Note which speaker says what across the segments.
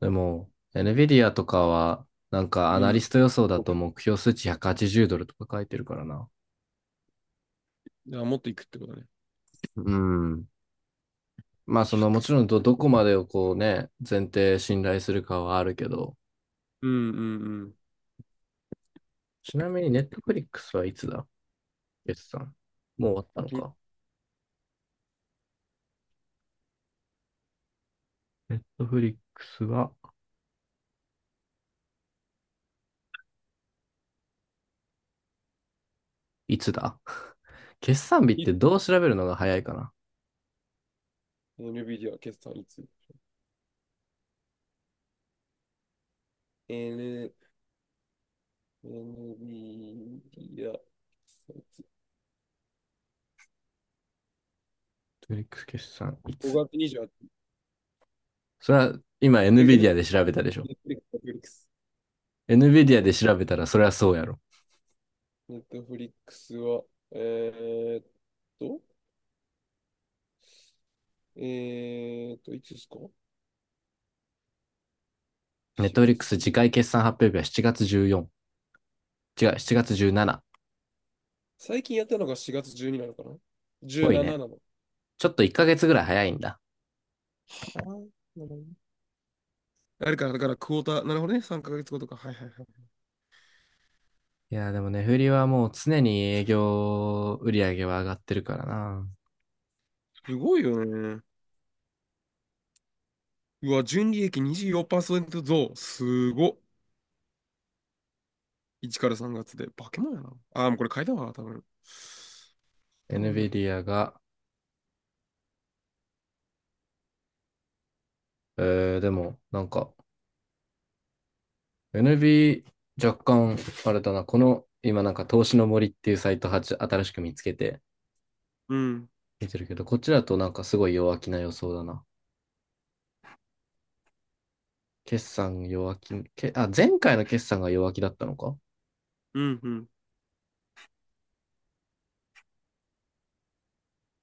Speaker 1: でも、NVIDIA とかは、なんかア
Speaker 2: う
Speaker 1: ナリ
Speaker 2: ん。
Speaker 1: スト予想だと目標数値180ドルとか書いてるからな。
Speaker 2: じゃあ、もっといくってことね。
Speaker 1: うん。まあ、その、もちろんどこまでをこうね、前提信頼するかはあるけど、
Speaker 2: うんうんうん。
Speaker 1: ちなみに Netflix はいつだ決算。もう終わった
Speaker 2: あ、
Speaker 1: の
Speaker 2: き、
Speaker 1: か。Netflix はいつだ 決算日っ
Speaker 2: い
Speaker 1: てどう調べるのが早いかな？
Speaker 2: NVIDIA 決算いつ ?N、NVIDIA 決算いつ？
Speaker 1: Netflix 決算い
Speaker 2: 5
Speaker 1: つ？
Speaker 2: 月28日。
Speaker 1: それは今
Speaker 2: え、N、
Speaker 1: NVIDIA で調べたでしょ？
Speaker 2: Netflix。
Speaker 1: NVIDIA
Speaker 2: ね、
Speaker 1: で調べたらそれはそうやろ。
Speaker 2: Netflix は、えーっと、いつですか？
Speaker 1: ネッ
Speaker 2: 4
Speaker 1: トフリッ
Speaker 2: 月
Speaker 1: クス次
Speaker 2: 10。
Speaker 1: 回決算発表日は7月14、違う、7月17。
Speaker 2: 最近やったのが4月12なのかな？
Speaker 1: 多
Speaker 2: 17
Speaker 1: い
Speaker 2: な
Speaker 1: ね。
Speaker 2: ななの。は
Speaker 1: ちょっと1ヶ月ぐらい早いんだ。
Speaker 2: あ、なるほどね。あれか、だからクォーター、なるほどね、3ヶ月後とか。はいはいはい。
Speaker 1: いやでもね、フリはもう常に営業売上は上がってるからな。
Speaker 2: すごいよね。うわ、純利益24%増。すごっ。1から3月で。化け物やな。もうこれ買いたわ、多分。多分いいな。
Speaker 1: NVIDIA が、でも、なんか、NV、若干、あれだな、この、今なんか、投資の森っていうサイトは新しく見つけて、
Speaker 2: うん。
Speaker 1: 見てるけど、こっちだとなんかすごい弱気な予想だな。決算弱気、前回の決算が弱気だったのか。
Speaker 2: うん、うん。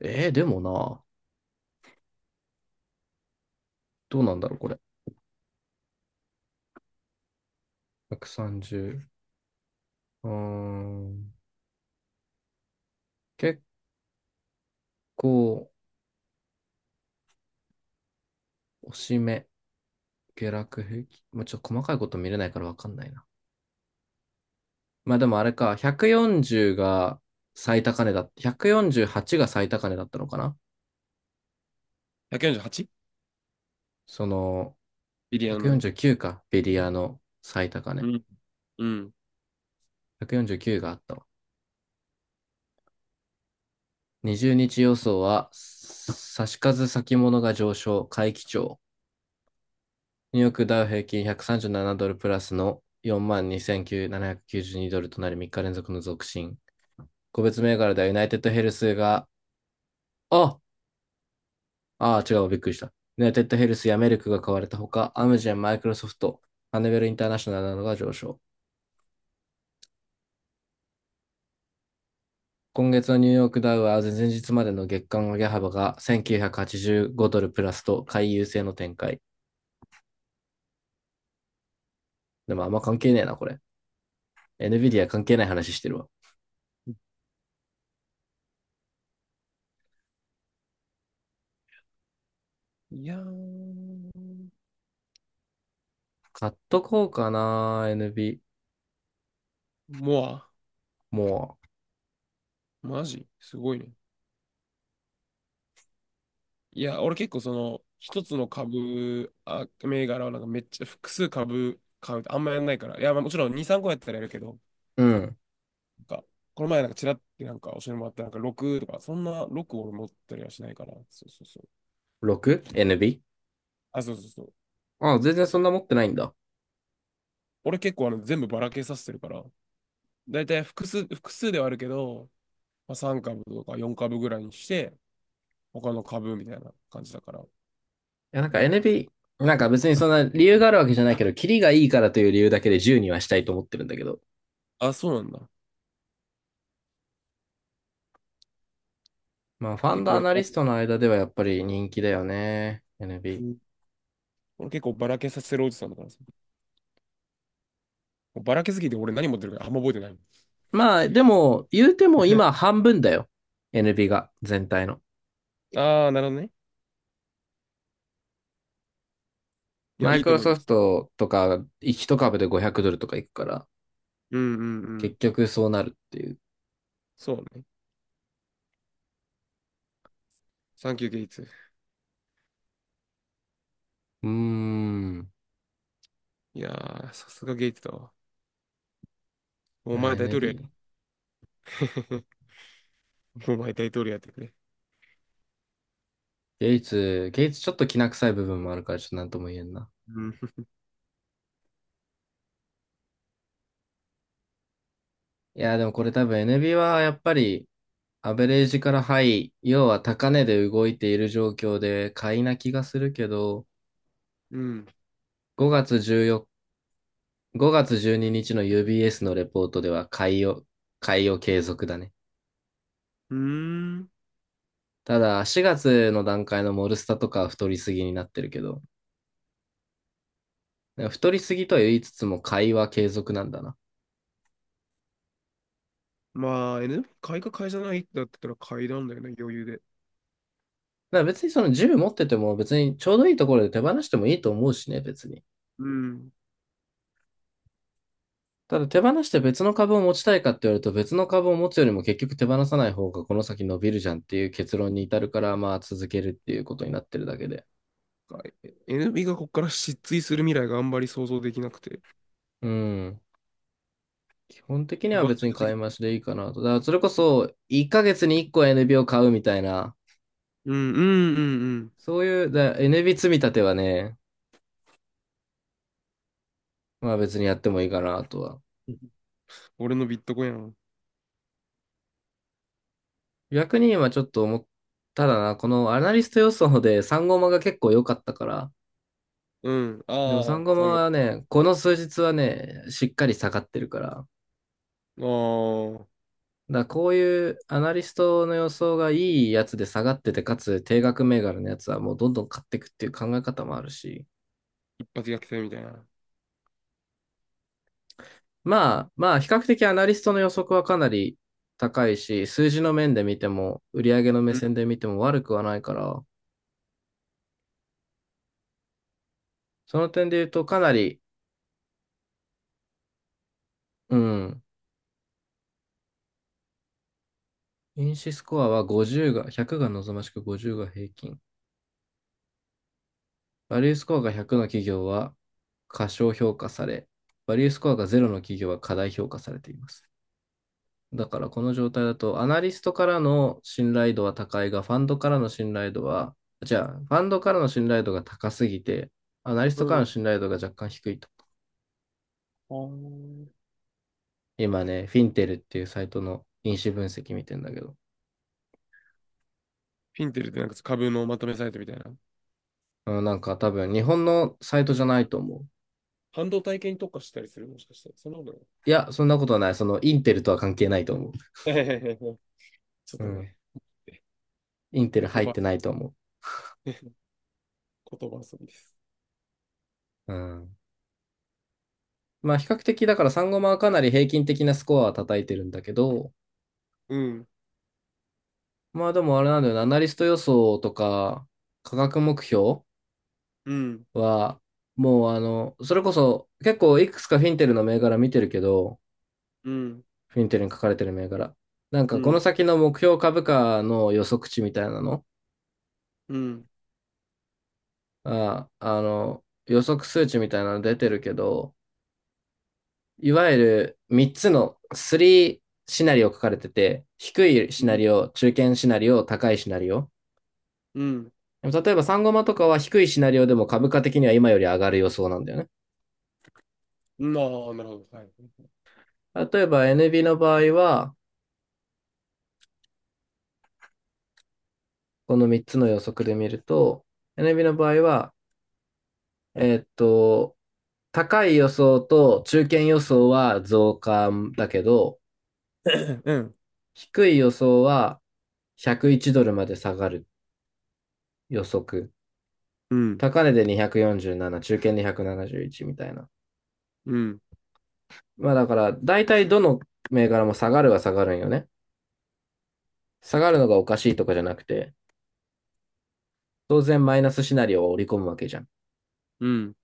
Speaker 1: でもな、どうなんだろう、これ。130。うーん。結構、押し目、下落平均。もうちょっと細かいこと見れないからわかんないな。まあでもあれか、140が最高値だっ、148が最高値だったのかな。
Speaker 2: 148？
Speaker 1: その、
Speaker 2: ビリヤードのね。
Speaker 1: 149か、ベリアの最高
Speaker 2: う
Speaker 1: 値。
Speaker 2: ん。うん。
Speaker 1: 149があったわ。20日予想は、差し数先物が上昇、回帰調。ニューヨークダウ平均137ドルプラスの42,792ドルとなり3日連続の続伸。個別銘柄ではユナイテッドヘルスが、ああ違う、びっくりした。ユナイテッドヘルスやメルクが買われたほか、アムジェン、マイクロソフト、ハネベルインターナショナルなどが上昇。今月のニューヨークダウは前々日までの月間上げ幅が1985ドルプラスと買い優勢の展開。でもあんま関係ねえな、これ。NVIDIA 関係ない話してるわ。
Speaker 2: いやー。
Speaker 1: 買っとこうかな、n a
Speaker 2: モア。
Speaker 1: も
Speaker 2: マジすごいね。いや、俺結構その、一つの株、あ、銘柄はなんかめっちゃ複数株買うってあんまやんないから。いや、まあもちろん2、3個やったらやるけど、
Speaker 1: う。うん。
Speaker 2: なんか、この前なんかちらってなんか教えてもらったなんか6とか、そんな6を俺持ったりはしないから。そうそうそう。
Speaker 1: 6?NB?
Speaker 2: あ、そうそうそう。
Speaker 1: あ、全然そんな持ってないんだ。
Speaker 2: 俺結構あの全部ばらけさせてるから、だいたい複数ではあるけど、まあ、3株とか4株ぐらいにして、他の株みたいな感じだから。
Speaker 1: いや、なんか NB、なんか別にそんな理由があるわけじゃないけど、キリがいいからという理由だけで10にはしたいと思ってるんだけど。
Speaker 2: あ、そうなんだ。
Speaker 1: まあ、ファ
Speaker 2: 結
Speaker 1: ンド
Speaker 2: 構
Speaker 1: ア
Speaker 2: 俺、
Speaker 1: ナリスト
Speaker 2: あ
Speaker 1: の間ではやっぱり人気だよね。
Speaker 2: う
Speaker 1: NB。
Speaker 2: ん。俺結構ばらけさせるおじさんだからさ。もうばらけすぎて俺何持ってるかあんま覚えてない。
Speaker 1: まあ、でも、言うても今 半分だよ。NB が、全体の。
Speaker 2: ああ、なるほどね。いや、
Speaker 1: マイ
Speaker 2: いい
Speaker 1: ク
Speaker 2: と
Speaker 1: ロ
Speaker 2: 思い
Speaker 1: ソ
Speaker 2: ま
Speaker 1: フ
Speaker 2: す。
Speaker 1: トとか、一株で500ドルとかいくから、
Speaker 2: うんうんうん。
Speaker 1: 結局そうなるっていう。
Speaker 2: そうね。サンキューゲイツ。
Speaker 1: うーん。
Speaker 2: いやー、さすがゲイツだわ。
Speaker 1: い
Speaker 2: お
Speaker 1: や、
Speaker 2: 前大統領や。
Speaker 1: NB。
Speaker 2: お前大統領やってくれ。
Speaker 1: ゲイツ、ゲイツちょっと気な臭い部分もあるから、ちょっとなんとも言えんな。
Speaker 2: うん。
Speaker 1: いや、でもこれ多分 NB はやっぱりアベレージからハイ、要は高値で動いている状況で買いな気がするけど、
Speaker 2: うん。
Speaker 1: 5月14、5月12日の UBS のレポートでは買いを継続だね。
Speaker 2: うーん。
Speaker 1: ただ4月の段階のモルスタとかは太りすぎになってるけど、太りすぎとは言いつつも買いは継続なんだな。
Speaker 2: まあ、NB 買いか買いじゃないってなってたら買いなんだよね、余裕で。
Speaker 1: だから別にその10持ってても別にちょうどいいところで手放してもいいと思うしね、別に。
Speaker 2: うん。
Speaker 1: ただ手放して別の株を持ちたいかって言われると別の株を持つよりも結局手放さない方がこの先伸びるじゃんっていう結論に至るからまあ続けるっていうことになってるだけで。
Speaker 2: 買い NB がここから失墜する未来があんまり想像できなくて。
Speaker 1: うん。基本的には
Speaker 2: 盤
Speaker 1: 別に
Speaker 2: 石す
Speaker 1: 買
Speaker 2: ぎ。
Speaker 1: い増しでいいかなと。だからそれこそ1ヶ月に1個 NB を買うみたいな、
Speaker 2: うん、うん、うん、
Speaker 1: そういうだ NB 積み立てはね、まあ別にやってもいいかなとは。
Speaker 2: うん。俺のビットコインやん。
Speaker 1: 逆に今ちょっと思っただな、このアナリスト予想で3ゴマが結構良かったから、
Speaker 2: うん。
Speaker 1: でも
Speaker 2: あ
Speaker 1: 3
Speaker 2: あ、
Speaker 1: ゴマ
Speaker 2: 産
Speaker 1: は
Speaker 2: 後。
Speaker 1: ね、この数日はね、しっかり下がってるから、
Speaker 2: ああ、
Speaker 1: だからこういうアナリストの予想がいいやつで下がってて、かつ定額銘柄のやつはもうどんどん買っていくっていう考え方もあるし、
Speaker 2: 一発逆転みたいな。
Speaker 1: まあ、まあ、比較的アナリストの予測はかなり高いし、数字の面で見ても、売上の目
Speaker 2: うん。
Speaker 1: 線で見ても悪くはないから、その点で言うとかなり、うん、因子スコアは50が、100が望ましく50が平均。バリュースコアが100の企業は過小評価され、バリュースコアが0の企業は過大評価されています。だからこの状態だと、アナリストからの信頼度は高いが、ファンドからの信頼度は、じゃあ、ファンドからの信頼度が高すぎて、アナリス
Speaker 2: う
Speaker 1: トからの
Speaker 2: ん。
Speaker 1: 信頼度が若干低いと。
Speaker 2: ああ。
Speaker 1: 今ね、フィンテルっていうサイトの因子分析見てんだけど、
Speaker 2: フィンテルってなんか株のまとめサイトみたいな。
Speaker 1: うん。なんか多分日本のサイトじゃないと思う。
Speaker 2: 半導体系に特化したりするもしかして。そんなことない。
Speaker 1: いや、そんなことはない。そのインテルとは関係ないと思
Speaker 2: ちょっ
Speaker 1: う。う
Speaker 2: と
Speaker 1: ん。
Speaker 2: ね、
Speaker 1: インテル
Speaker 2: 言
Speaker 1: 入っ
Speaker 2: 葉、
Speaker 1: てないと思
Speaker 2: 言葉遊びです。
Speaker 1: う。うん。まあ比較的だからサンゴマはかなり平均的なスコアは叩いてるんだけど、
Speaker 2: うん。
Speaker 1: まあでもあれなんだよな、アナリスト予想とか、価格目標
Speaker 2: うん。
Speaker 1: は、もうあの、それこそ結構いくつかフィンテルの銘柄見てるけど、
Speaker 2: うん。
Speaker 1: フィンテルに書かれてる銘柄。なん
Speaker 2: う
Speaker 1: かこの
Speaker 2: ん。
Speaker 1: 先の目標株価の予測値みたいなの、
Speaker 2: うん、
Speaker 1: 予測数値みたいなの出てるけど、いわゆる3つの3シナリオ書かれてて、低い
Speaker 2: う
Speaker 1: シナ
Speaker 2: ん、
Speaker 1: リオ、中堅シナリオ、高いシナリオ。
Speaker 2: うん、
Speaker 1: でも例えば3ゴマとかは低いシナリオでも株価的には今より上がる予想なんだよね。
Speaker 2: うん。ああ、なるほど。はい。
Speaker 1: 例えば NB の場合は、この3つの予測で見ると、NB の場合は、えーっと、高い予想と中堅予想は増加だけど、
Speaker 2: うん、
Speaker 1: 低い予想は101ドルまで下がる予測。
Speaker 2: うん、
Speaker 1: 高値で247、中堅で171みたいな。
Speaker 2: うん、
Speaker 1: まあだから、大体どの銘柄も下がるは下がるんよね。下がるのがおかしいとかじゃなくて、当然マイナスシナリオを織り込むわけじゃん。
Speaker 2: うん、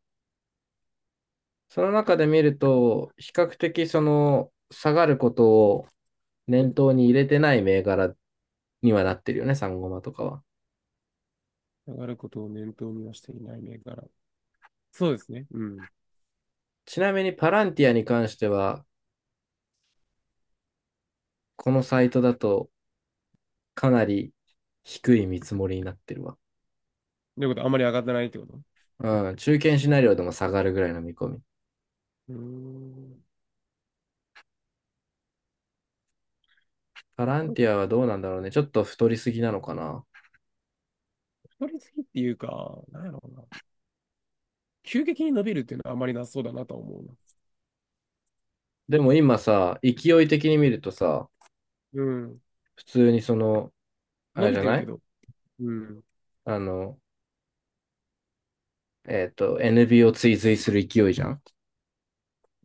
Speaker 1: その中で見ると、比較的その下がることを念頭に入れてない銘柄にはなってるよね、サンゴマとかは。
Speaker 2: 上がることを念頭にはしていない銘柄。そうですね。うん。
Speaker 1: ちなみにパランティアに関しては、このサイトだとかなり低い見積もりになってるわ。
Speaker 2: ということは、あんまり上がってないってこと？
Speaker 1: うん、中堅シナリオでも下がるぐらいの見込み。
Speaker 2: うーん。
Speaker 1: パラン
Speaker 2: なん
Speaker 1: テ
Speaker 2: か
Speaker 1: ィアはどうなんだろうね。ちょっと太りすぎなのかな。
Speaker 2: 太りすぎっていうか、なんやろうな。急激に伸びるっていうのはあまりなさそうだなとは思うな。
Speaker 1: でも今さ、勢い的に見るとさ、
Speaker 2: うん。
Speaker 1: 普通にその、あ
Speaker 2: 伸
Speaker 1: れじ
Speaker 2: び
Speaker 1: ゃ
Speaker 2: てる
Speaker 1: な
Speaker 2: け
Speaker 1: い
Speaker 2: ど、うん。
Speaker 1: あの、NB を追随する勢いじゃん。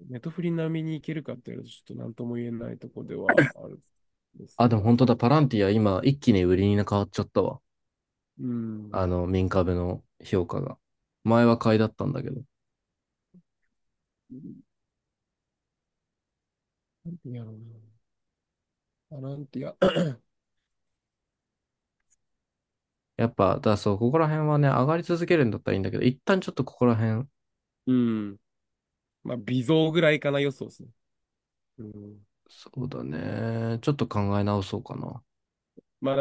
Speaker 2: ネトフリ並みにいけるかっていうと、ちょっと何とも言えないとこではあるんです
Speaker 1: あ、でも
Speaker 2: が。
Speaker 1: 本当だ、パランティア今一気に売りに変わっちゃったわ。
Speaker 2: うん。
Speaker 1: あの、民株の評価が。前は買いだったんだけど。
Speaker 2: なんてやろうな。アランティア、
Speaker 1: やっぱ、だからそう、ここら辺はね、上がり続けるんだったらいいんだけど、一旦ちょっとここら辺、
Speaker 2: うん。まあ、微増ぐらいかな予想ですね。うん。
Speaker 1: そうだね、ちょっと考え直そうかな。
Speaker 2: まあ、